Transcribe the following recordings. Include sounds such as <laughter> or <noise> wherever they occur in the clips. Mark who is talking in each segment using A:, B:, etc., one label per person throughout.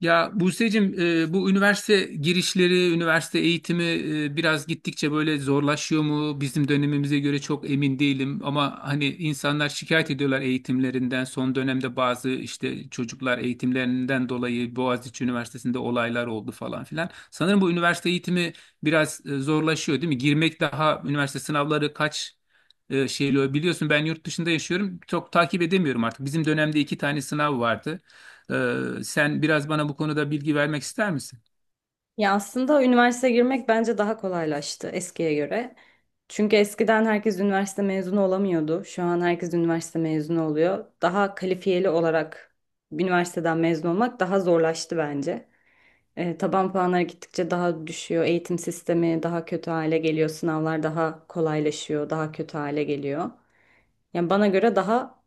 A: Ya Buse'cim bu üniversite girişleri, üniversite eğitimi biraz gittikçe böyle zorlaşıyor mu? Bizim dönemimize göre çok emin değilim ama hani insanlar şikayet ediyorlar eğitimlerinden. Son dönemde bazı işte çocuklar eğitimlerinden dolayı Boğaziçi Üniversitesi'nde olaylar oldu falan filan. Sanırım bu üniversite eğitimi biraz zorlaşıyor değil mi? Girmek daha üniversite sınavları kaç. Şeyle biliyorsun, ben yurt dışında yaşıyorum. Çok takip edemiyorum artık. Bizim dönemde iki tane sınav vardı. Ee, Sen biraz bana bu konuda bilgi vermek ister misin?
B: Ya aslında üniversiteye girmek bence daha kolaylaştı eskiye göre. Çünkü eskiden herkes üniversite mezunu olamıyordu. Şu an herkes üniversite mezunu oluyor. Daha kalifiyeli olarak üniversiteden mezun olmak daha zorlaştı bence. Taban puanları gittikçe daha düşüyor. Eğitim sistemi daha kötü hale geliyor. Sınavlar daha kolaylaşıyor, daha kötü hale geliyor. Yani bana göre daha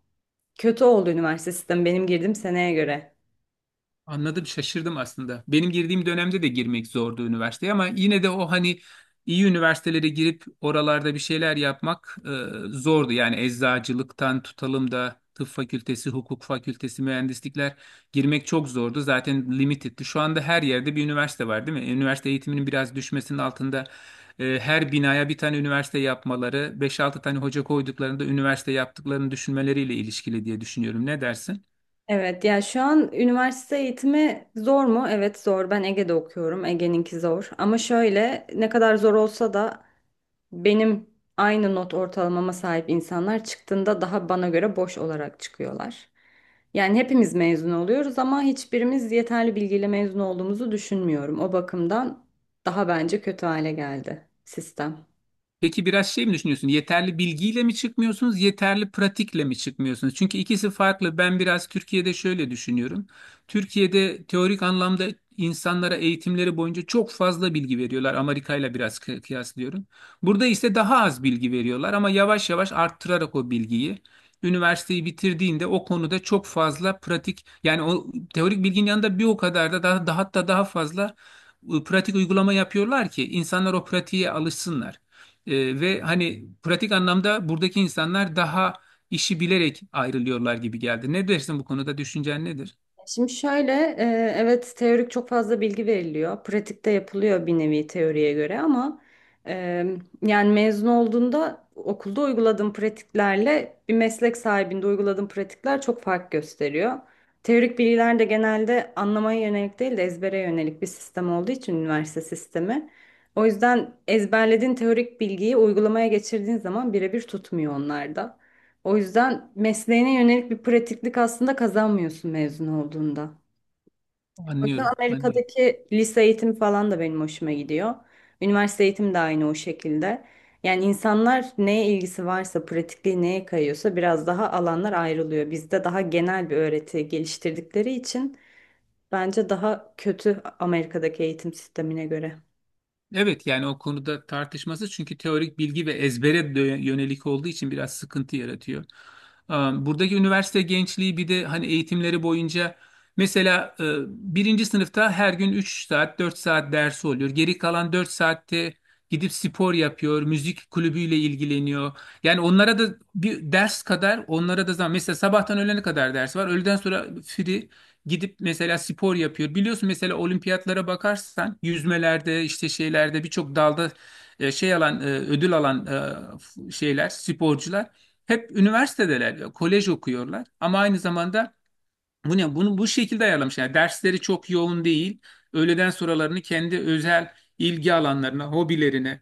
B: kötü oldu üniversite sistemi benim girdiğim seneye göre.
A: Anladım, şaşırdım aslında. Benim girdiğim dönemde de girmek zordu üniversiteye ama yine de o hani iyi üniversitelere girip oralarda bir şeyler yapmak zordu. Yani eczacılıktan tutalım da tıp fakültesi, hukuk fakültesi, mühendislikler girmek çok zordu. Zaten limited'ti. Şu anda her yerde bir üniversite var, değil mi? Üniversite eğitiminin biraz düşmesinin altında her binaya bir tane üniversite yapmaları, beş altı tane hoca koyduklarında üniversite yaptıklarını düşünmeleriyle ilişkili diye düşünüyorum. Ne dersin?
B: Evet ya, şu an üniversite eğitimi zor mu? Evet zor. Ben Ege'de okuyorum. Ege'ninki zor. Ama şöyle, ne kadar zor olsa da benim aynı not ortalamama sahip insanlar çıktığında daha bana göre boş olarak çıkıyorlar. Yani hepimiz mezun oluyoruz ama hiçbirimiz yeterli bilgiyle mezun olduğumuzu düşünmüyorum. O bakımdan daha bence kötü hale geldi sistem.
A: Peki biraz şey mi düşünüyorsun? Yeterli bilgiyle mi çıkmıyorsunuz, yeterli pratikle mi çıkmıyorsunuz? Çünkü ikisi farklı. Ben biraz Türkiye'de şöyle düşünüyorum. Türkiye'de teorik anlamda insanlara eğitimleri boyunca çok fazla bilgi veriyorlar. Amerika ile biraz kıyaslıyorum. Burada ise daha az bilgi veriyorlar ama yavaş yavaş arttırarak o bilgiyi. Üniversiteyi bitirdiğinde o konuda çok fazla pratik yani o teorik bilginin yanında bir o kadar da daha hatta daha fazla pratik uygulama yapıyorlar ki insanlar o pratiğe alışsınlar. Ve hani pratik anlamda buradaki insanlar daha işi bilerek ayrılıyorlar gibi geldi. Ne dersin bu konuda? Düşüncen nedir?
B: Şimdi şöyle, evet teorik çok fazla bilgi veriliyor. Pratikte yapılıyor bir nevi teoriye göre ama e, yani mezun olduğunda okulda uyguladığım pratiklerle bir meslek sahibinde uyguladığım pratikler çok fark gösteriyor. Teorik bilgiler de genelde anlamaya yönelik değil de ezbere yönelik bir sistem olduğu için üniversite sistemi. O yüzden ezberlediğin teorik bilgiyi uygulamaya geçirdiğin zaman birebir tutmuyor onlarda. O yüzden mesleğine yönelik bir pratiklik aslında kazanmıyorsun mezun olduğunda. O yüzden
A: Anlıyorum, anlıyorum.
B: Amerika'daki lise eğitimi falan da benim hoşuma gidiyor. Üniversite eğitimi de aynı o şekilde. Yani insanlar neye ilgisi varsa, pratikliği neye kayıyorsa biraz daha alanlar ayrılıyor. Bizde daha genel bir öğreti geliştirdikleri için bence daha kötü Amerika'daki eğitim sistemine göre.
A: Evet, yani o konuda tartışması çünkü teorik bilgi ve ezbere yönelik olduğu için biraz sıkıntı yaratıyor. Buradaki üniversite gençliği bir de hani eğitimleri boyunca mesela birinci sınıfta her gün 3 saat 4 saat dersi oluyor. Geri kalan 4 saatte gidip spor yapıyor, müzik kulübüyle ilgileniyor. Yani onlara da bir ders kadar onlara da zaman, mesela sabahtan öğlene kadar ders var. Öğleden sonra free. Gidip mesela spor yapıyor. Biliyorsun, mesela olimpiyatlara bakarsan yüzmelerde işte şeylerde birçok dalda şey alan ödül alan şeyler sporcular hep üniversitedeler, kolej okuyorlar ama aynı zamanda bu ne bunu bu şekilde ayarlamış. Yani dersleri çok yoğun değil. Öğleden sonralarını kendi özel ilgi alanlarına, hobilerine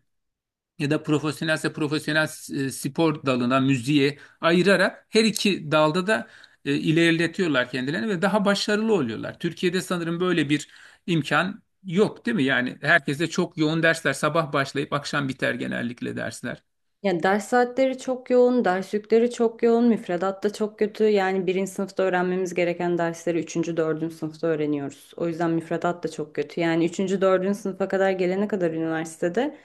A: ya da profesyonelse profesyonel spor dalına, müziğe ayırarak her iki dalda da ilerletiyorlar kendilerini ve daha başarılı oluyorlar. Türkiye'de sanırım böyle bir imkan yok, değil mi? Yani herkese çok yoğun dersler, sabah başlayıp akşam biter genellikle dersler.
B: Yani ders saatleri çok yoğun, ders yükleri çok yoğun, müfredat da çok kötü. Yani birinci sınıfta öğrenmemiz gereken dersleri üçüncü, dördüncü sınıfta öğreniyoruz. O yüzden müfredat da çok kötü. Yani üçüncü, dördüncü sınıfa kadar gelene kadar üniversitede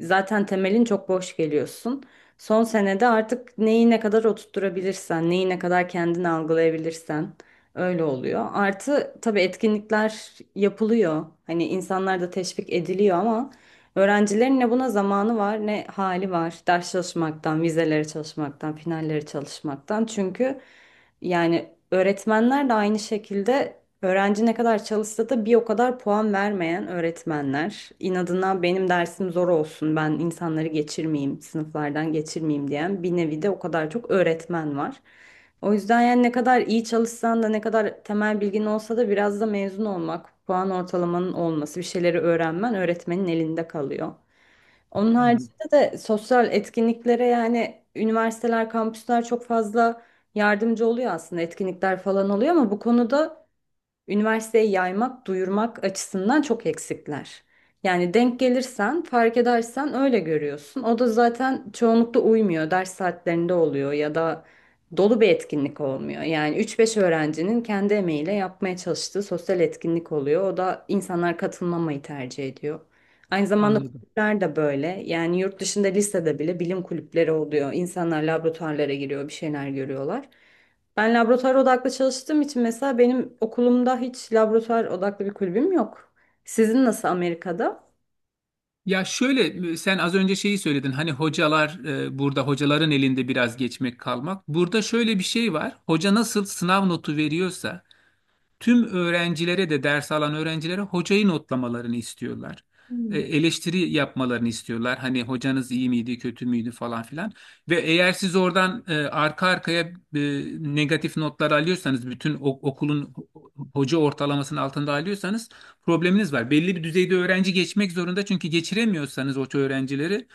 B: zaten temelin çok boş geliyorsun. Son senede artık neyi ne kadar oturtturabilirsen, neyi ne kadar kendini algılayabilirsen öyle oluyor. Artı tabii etkinlikler yapılıyor. Hani insanlar da teşvik ediliyor ama öğrencilerin ne buna zamanı var ne hali var. Ders çalışmaktan, vizelere çalışmaktan, finallere çalışmaktan. Çünkü yani öğretmenler de aynı şekilde öğrenci ne kadar çalışsa da bir o kadar puan vermeyen öğretmenler, inadına benim dersim zor olsun, ben insanları geçirmeyeyim, sınıflardan geçirmeyeyim diyen bir nevi de o kadar çok öğretmen var. O yüzden yani ne kadar iyi çalışsan da ne kadar temel bilgin olsa da biraz da mezun olmak, puan ortalamanın olması, bir şeyleri öğrenmen öğretmenin elinde kalıyor. Onun
A: Anladım.
B: haricinde de sosyal etkinliklere yani üniversiteler, kampüsler çok fazla yardımcı oluyor aslında, etkinlikler falan oluyor ama bu konuda üniversiteye yaymak, duyurmak açısından çok eksikler. Yani denk gelirsen, fark edersen öyle görüyorsun. O da zaten çoğunlukla uymuyor. Ders saatlerinde oluyor ya da dolu bir etkinlik olmuyor. Yani üç beş öğrencinin kendi emeğiyle yapmaya çalıştığı sosyal etkinlik oluyor. O da insanlar katılmamayı tercih ediyor. Aynı zamanda
A: Anladım.
B: kulüpler de böyle. Yani yurt dışında lisede bile bilim kulüpleri oluyor. İnsanlar laboratuvarlara giriyor, bir şeyler görüyorlar. Ben laboratuvar odaklı çalıştığım için mesela benim okulumda hiç laboratuvar odaklı bir kulübüm yok. Sizin nasıl Amerika'da?
A: Ya şöyle, sen az önce şeyi söyledin, hani hocalar burada hocaların elinde biraz geçmek kalmak. Burada şöyle bir şey var. Hoca nasıl sınav notu veriyorsa tüm öğrencilere de, ders alan öğrencilere, hocayı notlamalarını istiyorlar.
B: Hmm.
A: Eleştiri yapmalarını istiyorlar. Hani hocanız iyi miydi, kötü müydü falan filan. Ve eğer siz oradan arka arkaya e, negatif notlar alıyorsanız, bütün okulun hoca ortalamasının altında alıyorsanız probleminiz var. Belli bir düzeyde öğrenci geçmek zorunda çünkü geçiremiyorsanız o öğrencileri,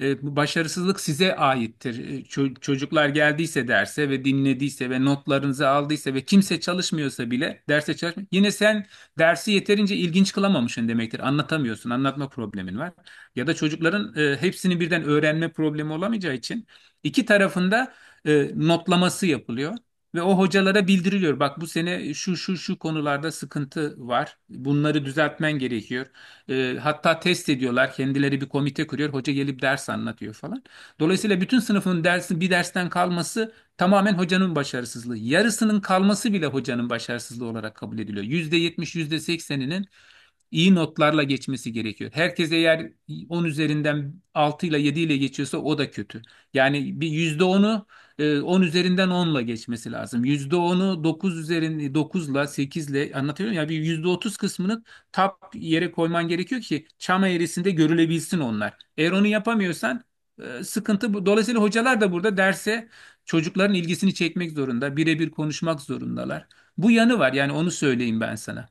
A: bu başarısızlık size aittir. Çocuklar geldiyse derse ve dinlediyse ve notlarınızı aldıysa ve kimse çalışmıyorsa bile derse çalışma, yine sen dersi yeterince ilginç kılamamışsın demektir. Anlatamıyorsun, anlatma problemin var. Ya da çocukların hepsini birden öğrenme problemi olamayacağı için iki tarafında notlaması yapılıyor. Ve o hocalara bildiriliyor: bak bu sene şu şu şu konularda sıkıntı var, bunları düzeltmen gerekiyor. Hatta test ediyorlar. Kendileri bir komite kuruyor. Hoca gelip ders anlatıyor falan. Dolayısıyla bütün sınıfın dersi, bir dersten kalması tamamen hocanın başarısızlığı. Yarısının kalması bile hocanın başarısızlığı olarak kabul ediliyor. %70, iyi notlarla geçmesi gerekiyor. Herkes eğer 10 üzerinden 6 ile 7 ile geçiyorsa o da kötü. Yani bir %10'u 10 üzerinden 10'la geçmesi lazım. %10'u 9 üzerinde 9'la 8'le, anlatıyorum ya, bir %30 kısmını tap yere koyman gerekiyor ki çam eğrisinde görülebilsin onlar. Eğer onu yapamıyorsan sıkıntı bu. Dolayısıyla hocalar da burada derse çocukların ilgisini çekmek zorunda, birebir konuşmak zorundalar. Bu yanı var, yani onu söyleyeyim ben sana.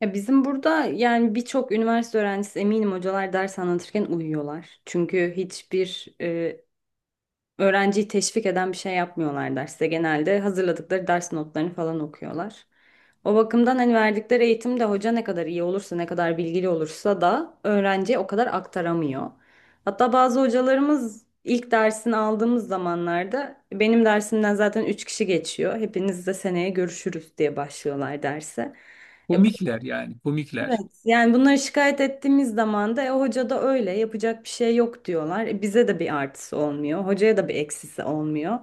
B: Ya bizim burada yani birçok üniversite öğrencisi, eminim hocalar ders anlatırken uyuyorlar. Çünkü hiçbir öğrenciyi teşvik eden bir şey yapmıyorlar derste. Genelde hazırladıkları ders notlarını falan okuyorlar. O bakımdan hani verdikleri eğitimde hoca ne kadar iyi olursa, ne kadar bilgili olursa da öğrenciye o kadar aktaramıyor. Hatta bazı hocalarımız ilk dersini aldığımız zamanlarda, benim dersimden zaten 3 kişi geçiyor, hepinizle seneye görüşürüz diye başlıyorlar derse. E,
A: Komikler yani,
B: Evet,
A: komikler.
B: yani bunları şikayet ettiğimiz zaman da hoca da öyle, yapacak bir şey yok diyorlar. Bize de bir artısı olmuyor, hocaya da bir eksisi olmuyor.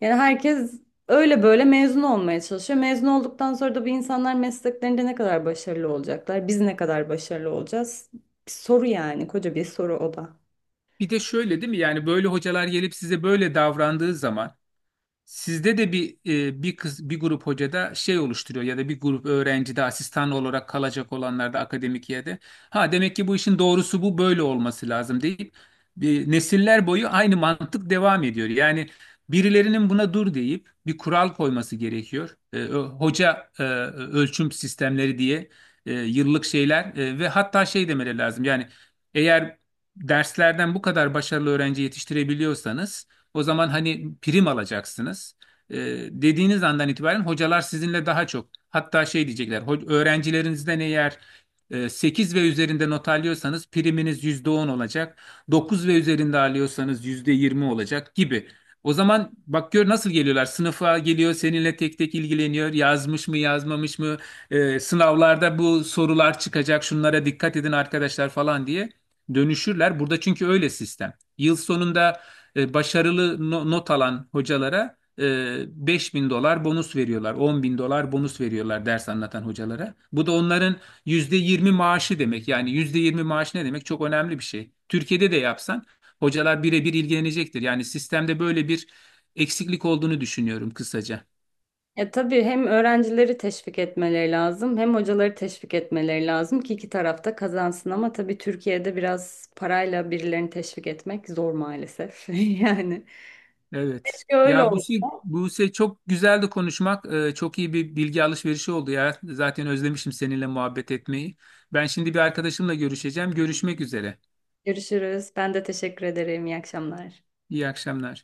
B: Yani herkes öyle böyle mezun olmaya çalışıyor. Mezun olduktan sonra da bu insanlar mesleklerinde ne kadar başarılı olacaklar, biz ne kadar başarılı olacağız? Bir soru yani, koca bir soru o da.
A: Bir de şöyle değil mi? Yani böyle hocalar gelip size böyle davrandığı zaman sizde de bir, bir kız bir grup hoca da şey oluşturuyor ya da bir grup öğrenci de, asistan olarak kalacak olanlar da akademik yerde, ha demek ki bu işin doğrusu bu, böyle olması lazım deyip bir nesiller boyu aynı mantık devam ediyor. Yani birilerinin buna dur deyip bir kural koyması gerekiyor. Hoca ölçüm sistemleri diye yıllık şeyler ve hatta şey demeleri lazım. Yani eğer derslerden bu kadar başarılı öğrenci yetiştirebiliyorsanız, o zaman hani prim alacaksınız. E, Dediğiniz andan itibaren hocalar sizinle daha çok, hatta şey diyecekler: Öğrencilerinizden eğer 8 ve üzerinde not alıyorsanız priminiz %10 olacak, 9 ve üzerinde alıyorsanız %20 olacak" gibi. O zaman bak gör nasıl geliyorlar. Sınıfa geliyor, seninle tek tek ilgileniyor. Yazmış mı, yazmamış mı? Sınavlarda bu sorular çıkacak, şunlara dikkat edin arkadaşlar falan diye dönüşürler. Burada çünkü öyle sistem. Yıl sonunda başarılı not alan hocalara 5.000 dolar bonus veriyorlar. 10 bin dolar bonus veriyorlar ders anlatan hocalara. Bu da onların %20 maaşı demek. Yani %20 maaş ne demek? Çok önemli bir şey. Türkiye'de de yapsan hocalar birebir ilgilenecektir. Yani sistemde böyle bir eksiklik olduğunu düşünüyorum kısaca.
B: Ya tabii hem öğrencileri teşvik etmeleri lazım, hem hocaları teşvik etmeleri lazım ki iki tarafta kazansın ama tabii Türkiye'de biraz parayla birilerini teşvik etmek zor maalesef. <laughs> Yani
A: Evet.
B: keşke öyle
A: Ya Buse.
B: olsa.
A: Çok güzeldi konuşmak. Çok iyi bir bilgi alışverişi oldu ya. Zaten özlemişim seninle muhabbet etmeyi. Ben şimdi bir arkadaşımla görüşeceğim. Görüşmek üzere.
B: Görüşürüz. Ben de teşekkür ederim. İyi akşamlar.
A: İyi akşamlar.